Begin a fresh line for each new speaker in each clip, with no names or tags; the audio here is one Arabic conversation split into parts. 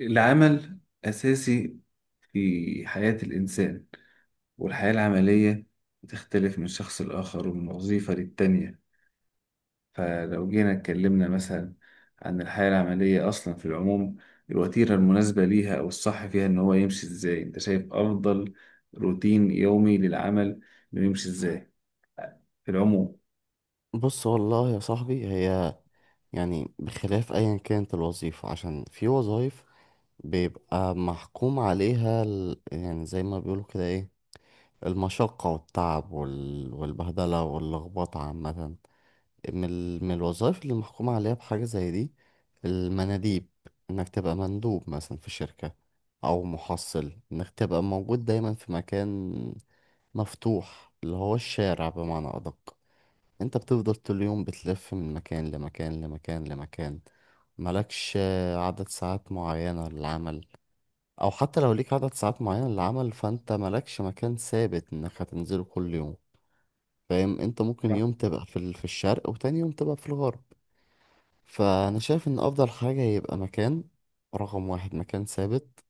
العمل أساسي في حياة الإنسان، والحياة العملية بتختلف من شخص لآخر ومن وظيفة للتانية. فلو جينا اتكلمنا مثلا عن الحياة العملية أصلا في العموم، الوتيرة المناسبة ليها أو الصح فيها إن هو يمشي إزاي؟ أنت شايف أفضل روتين يومي للعمل إنه يمشي إزاي في العموم؟
بص والله يا صاحبي، هي يعني بخلاف ايا كانت الوظيفة. عشان في وظائف بيبقى محكوم عليها يعني زي ما بيقولوا كده ايه المشقة والتعب والبهدلة واللخبطة عامة. من الوظائف اللي محكوم عليها بحاجة زي دي، المناديب. انك تبقى مندوب مثلا في شركة، او محصل انك تبقى موجود دايما في مكان مفتوح اللي هو الشارع بمعنى ادق. انت بتفضل طول اليوم بتلف من مكان لمكان لمكان لمكان، مالكش عدد ساعات معينة للعمل. او حتى لو ليك عدد ساعات معينة للعمل فانت مالكش مكان ثابت انك هتنزله كل يوم. فاهم؟ انت ممكن
صح.
يوم تبقى في الشرق، وتاني يوم تبقى في الغرب. فانا شايف ان افضل حاجة يبقى مكان. رقم واحد، مكان ثابت،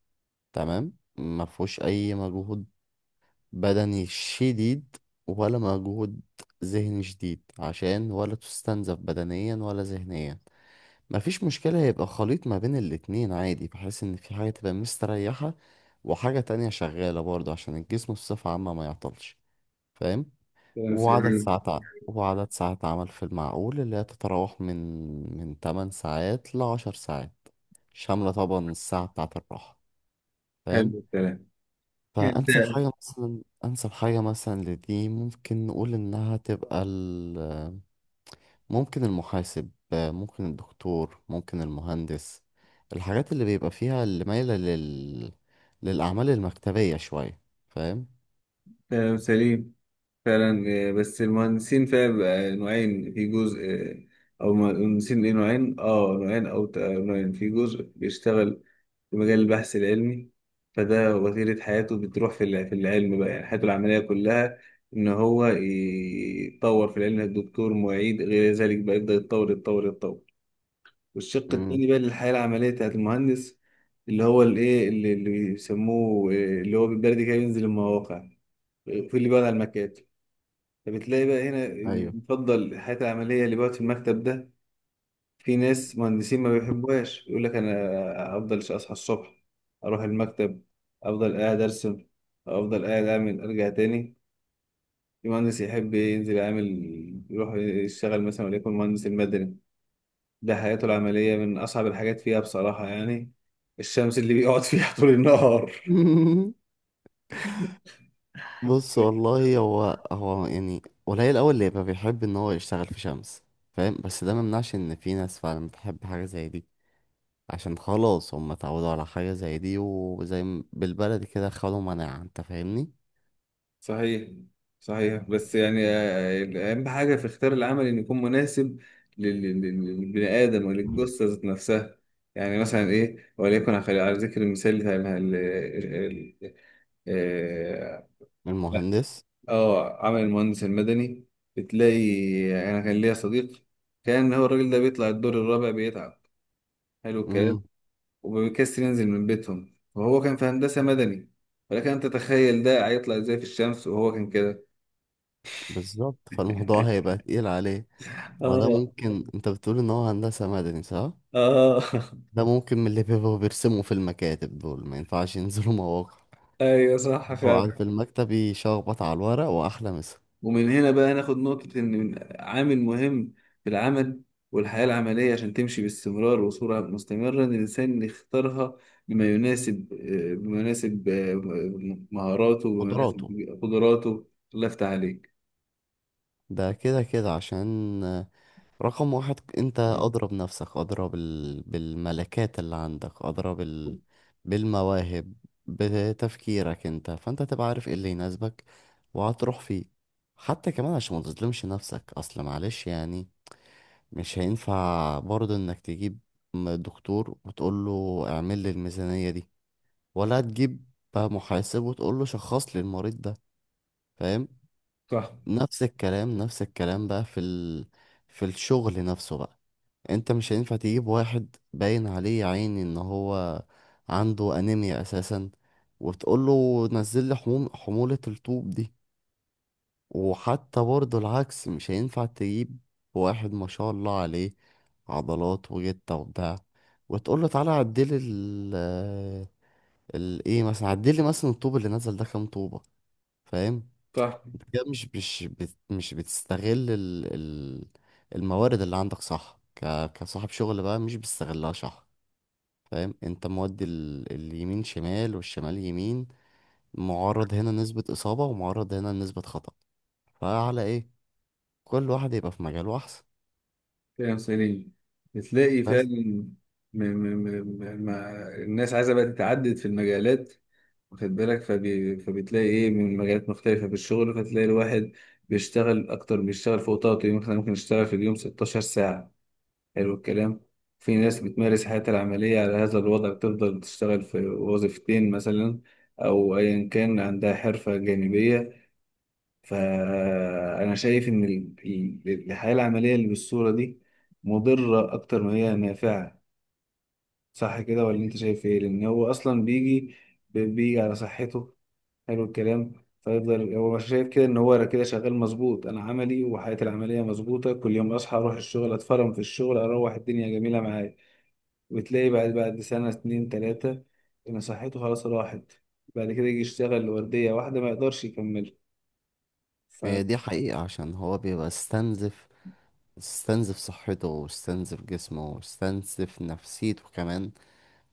تمام، ما فيهوش اي مجهود بدني شديد ولا مجهود ذهني شديد، عشان ولا تستنزف بدنيا ولا ذهنيا. مفيش مشكلة يبقى خليط ما بين الاتنين عادي، بحيث ان في حاجة تبقى مستريحة وحاجة تانية شغالة برضه، عشان الجسم بصفة عامة ما يعطلش. فاهم؟
كلام سليم.
وعدد ساعات عمل في المعقول، اللي هي تتراوح من 8 ساعات ل 10 ساعات، شاملة طبعا الساعة بتاعة الراحة.
حلو
فاهم؟
الكلام.
فأنسب
ده
حاجة مثلا، أنسب حاجة مثلا لدي، ممكن نقول إنها تبقى ممكن المحاسب، ممكن الدكتور، ممكن المهندس. الحاجات اللي بيبقى فيها، اللي مايلة للأعمال المكتبية شوية. فاهم؟
كلام سليم فعلا. بس المهندسين فيها بيبقى نوعين. في جزء او مهندسين ليه نوعين نوعين او ت- آه، نوعين في جزء بيشتغل في مجال البحث العلمي، فده وتيرة حياته بتروح في في العلم بقى. يعني حياته العملية كلها إن هو يتطور في العلم، الدكتور معيد، غير ذلك بقى يبدأ يتطور يتطور. والشق
امم
التاني بقى للحياة العملية بتاعت المهندس اللي هو الإيه، اللي بيسموه اللي هو بالبلدي كده ينزل المواقع. آه، في اللي بيقعد على المكاتب. فبتلاقي بقى هنا
أيوه.
بيفضل الحياة العملية اللي بقعد في المكتب ده. في ناس مهندسين ما بيحبوهاش، يقول لك أنا أفضل أصحى الصبح أروح المكتب، أفضل قاعد أرسم، أفضل قاعد أعمل، أرجع تاني. في مهندس يحب ينزل يعمل، يروح يشتغل مثلا وليكن مهندس المدني. ده حياته العملية من أصعب الحاجات فيها بصراحة يعني، الشمس اللي بيقعد فيها طول النهار.
بص والله هو يعني قليل أوي اللي يبقى بيحب إن هو يشتغل في شمس. فاهم؟ بس ده ممنعش إن في ناس فعلا بتحب حاجة زي دي، عشان خلاص هم اتعودوا على حاجة زي دي، بالبلدي كده خدوا مناعة. انت فاهمني؟
صحيح، صحيح. بس يعني أهم حاجة في اختيار العمل إنه يكون مناسب لل- لل- للبني آدم وللجثة ذات نفسها. يعني مثلا إيه، وليكن على على ذكر المثال بتاع آه
من
لا،
المهندس.
آه، عمل المهندس المدني، بتلاقي أنا كان ليا صديق، كان هو الراجل ده بيطلع الدور الرابع بيتعب. حلو الكلام.
امم
وبيكسر، ينزل من بيتهم، وهو كان في هندسة مدني. ولكن أنت تتخيل ده هيطلع إزاي في الشمس وهو كان كده؟
بالظبط، فالموضوع هيبقى تقيل عليه. وده
اه.
ممكن، انت بتقول ان هو هندسة مدني صح؟
اه.
ده ممكن من اللي بيبقوا بيرسموا في المكاتب دول، ما ينفعش ينزلوا مواقع.
ايوه، صح
هو قاعد
فعلا.
في المكتب يشخبط على الورق وأحلى مسا.
ومن هنا بقى ناخد نقطة إن عامل مهم في العمل والحياة العملية عشان تمشي باستمرار وصورة مستمرة، إن الإنسان يختارها بما يناسب بما يناسب مهاراته، وبما يناسب
قدراته.
قدراته. الله يفتح عليك.
ده كده كده، عشان رقم واحد انت. اضرب نفسك، اضرب بالملكات اللي عندك، اضرب بالمواهب، بتفكيرك انت، فانت تبقى عارف ايه اللي يناسبك وهتروح فيه. حتى كمان عشان ما تظلمش نفسك، اصل معلش يعني مش هينفع برضه انك تجيب دكتور وتقول له اعمل لي الميزانية دي، ولا تجيب بقى محاسب وتقول له شخص لي المريض ده. فاهم؟
صح.
نفس الكلام، نفس الكلام بقى في الشغل نفسه بقى. انت مش هينفع تجيب واحد باين عليه يا عيني ان هو عنده انيميا اساسا، وتقوله نزل لي حمولة الطوب دي. وحتى برضه العكس، مش هينفع تجيب واحد ما شاء الله عليه عضلات وجتة وبتاع، وتقوله تعالى عدلي ال ال ايه مثلا، عدلي مثلا الطوب اللي نزل ده كام طوبة. فاهم؟
صح.
انت كده مش بتستغل ال الموارد اللي عندك صح، كصاحب شغل بقى مش بتستغلها صح. فاهم؟ انت مودي اليمين شمال والشمال يمين، معرض هنا نسبة إصابة ومعرض هنا نسبة خطأ. فعلى ايه؟ كل واحد يبقى في مجاله أحسن.
كلام سليم. بتلاقي
بس
فعلا م- م- الناس عايزة بقى تتعدد في المجالات، واخد بالك؟ فبتلاقي ايه من مجالات مختلفة في الشغل، فتلاقي الواحد بيشتغل اكتر، بيشتغل فوق طاقته. مثلا ممكن يشتغل في اليوم 16 ساعة. حلو الكلام. في ناس بتمارس حياتها العملية على هذا الوضع، بتفضل تشتغل في وظيفتين مثلا، او ايا كان عندها حرفة جانبية. فانا شايف ان الحياة العملية اللي بالصورة دي مضرة اكتر ما هي نافعة. صح كده، ولا انت شايف ايه؟ لان هو اصلا بيجي، على صحته. حلو الكلام. فيفضل هو شايف كده ان هو كده شغال مظبوط، انا عملي وحياتي العمليه مظبوطه، كل يوم اصحى اروح الشغل، اتفرم في الشغل، اروح الدنيا جميله معايا. وتلاقي بعد سنه اتنين تلاته ان صحته خلاص راحت. بعد كده يجي يشتغل لورديه واحده ما يقدرش يكمل.
هي دي حقيقة، عشان هو بيبقى استنزف صحته، واستنزف جسمه، واستنزف نفسيته كمان،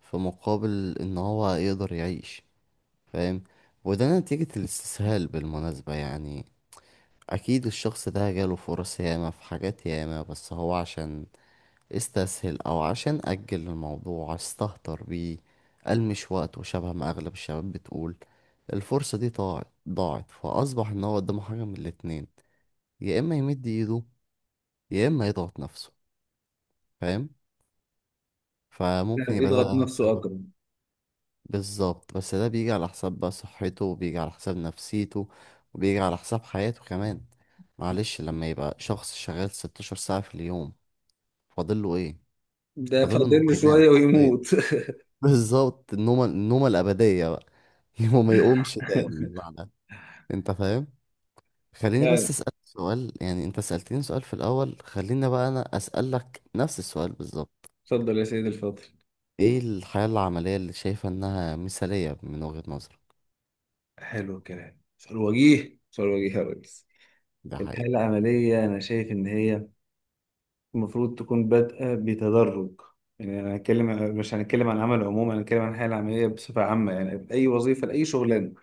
في مقابل ان هو يقدر يعيش. فاهم؟ وده نتيجة الاستسهال بالمناسبة يعني. اكيد الشخص ده جاله فرص ياما، في حاجات ياما، بس هو عشان استسهل او عشان اجل الموضوع استهتر بيه. المش وقت، وشبه ما اغلب الشباب بتقول الفرصة دي ضاعت ضاعت، فاصبح ان هو قدامه حاجة من الاتنين: يا اما يمد ايده، يا اما يضغط نفسه. فاهم؟ فممكن يبقى
فيضغط
ده
نفسه
سبب.
أكتر.
بالظبط، بس ده بيجي على حساب بقى صحته، وبيجي على حساب نفسيته، وبيجي على حساب حياته كمان. معلش، لما يبقى شخص شغال 16 ساعة في اليوم، فاضله ايه؟
ده
فاضله ان
فاضل
هو
له
ينام
شوية
حرفيا.
ويموت.
بالظبط، النومة، النومة الأبدية بقى. هو ما يقومش تاني بعدها. انت فاهم؟ خليني بس
فعلا.
أسألك سؤال، يعني انت سألتني سؤال في الأول، خليني بقى أنا أسألك نفس السؤال بالظبط:
اتفضل يا سيدي الفاضل.
ايه الحياة العملية اللي شايفة انها مثالية من وجهة نظرك؟
حلو الكلام، سؤال وجيه، سؤال وجيه يا ريس.
ده
الحاله
حقيقي.
العمليه انا شايف ان هي المفروض تكون بادئة بتدرج. يعني أنا هنتكلم، مش هنتكلم عن العمل عموما، أنا هنتكلم عن الحياة العملية بصفة عامة، يعني أي وظيفة لأي شغلانة.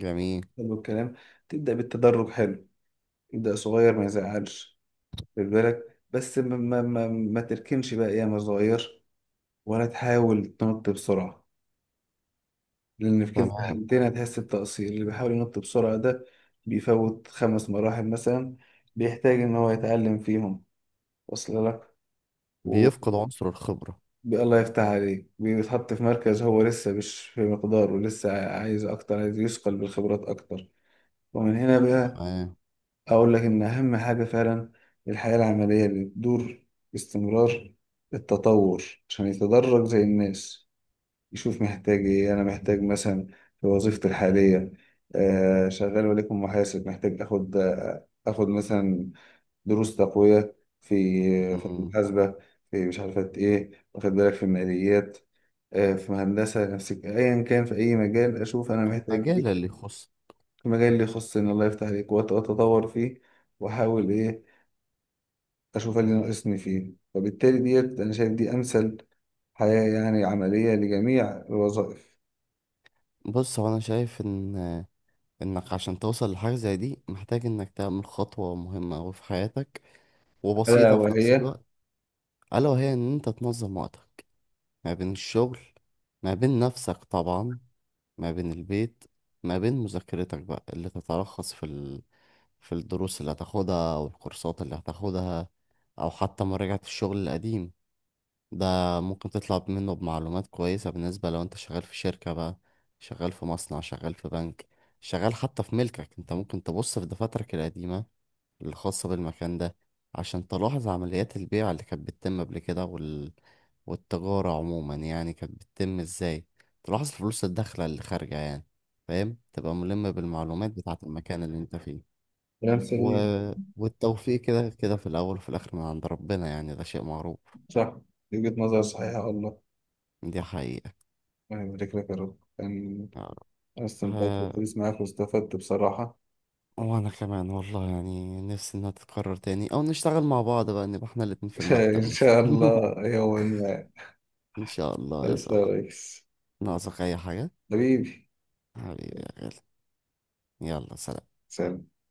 جميل.
حلو الكلام. تبدأ بالتدرج، حلو، تبدأ صغير، ما يزعلش. خد بالك بس ما تركنش بقى أيام صغير، ولا تحاول تنط بسرعة، لأن في كلتا
تمام.
الحالتين هتحس بتقصير. اللي بيحاول ينط بسرعة ده بيفوت خمس مراحل مثلا، بيحتاج إن هو يتعلم فيهم. وصل لك؟
بيفقد عنصر الخبرة.
الله يفتح عليك. بيتحط في مركز هو لسه مش في مقداره، لسه عايز أكتر، عايز يثقل بالخبرات أكتر. ومن هنا بقى
تمام
أقول لك إن أهم حاجة فعلا الحياة العملية اللي بتدور باستمرار التطور، عشان يتدرج زي الناس، يشوف محتاج إيه. أنا محتاج مثلا في وظيفتي الحالية، آه شغال وليكن محاسب، محتاج آخد آخد مثلا دروس تقوية في
مم.
المحاسبة، في مش عارفة إيه، واخد بالك، في الماليات، في هندسة، نفس أيا كان، في أي مجال أشوف أنا محتاج
المجال
إيه
اللي يخص.
في المجال اللي يخصني، الله يفتح عليك، وأتطور فيه، وأحاول إيه، أشوف اللي ناقصني فيه. فبالتالي ديت أنا شايف دي أمثل حياة يعني عملية لجميع الوظائف.
بص، هو انا شايف ان انك عشان توصل لحاجة زي دي محتاج انك تعمل خطوة مهمة أوي في حياتك،
ألا
وبسيطة في نفس
وهي
الوقت. ألا وهي إن أنت تنظم وقتك ما بين الشغل، ما بين نفسك طبعا، ما بين البيت، ما بين مذاكرتك بقى، اللي تتلخص في الدروس اللي هتاخدها، أو الكورسات اللي هتاخدها، أو حتى مراجعة الشغل القديم ده. ممكن تطلع منه بمعلومات كويسة، بالنسبة لو أنت شغال في شركة بقى، شغال في مصنع، شغال في بنك، شغال حتى في ملكك أنت. ممكن تبص في دفاترك القديمة الخاصة بالمكان ده، عشان تلاحظ عمليات البيع اللي كانت بتتم قبل كده، والتجارة عموما يعني كانت بتتم ازاي. تلاحظ الفلوس الداخلة اللي خارجة يعني. فاهم؟ تبقى ملم بالمعلومات بتاعة المكان اللي انت فيه.
كلام
و...
سليم.
والتوفيق كده كده في الأول وفي الآخر من عند ربنا، يعني ده شيء معروف.
صح. دي وجهة نظر صحيحة والله.
دي حقيقة.
يعني بارك لك يا رب كان، أنا استمتعت
آه،
بالحديث معاك واستفدت بصراحة.
وأنا كمان والله، يعني نفسي إنها تتكرر تاني، أو نشتغل مع بعض بقى، نبقى إحنا الاتنين في
إن
المكتب مثلا.
شاء الله يوما ما.
إن شاء الله يا
ألف
صاحبي.
ريس.
ناقصك أي حاجة؟
حبيبي.
حبيبي يا غالي، يلا سلام.
سلام.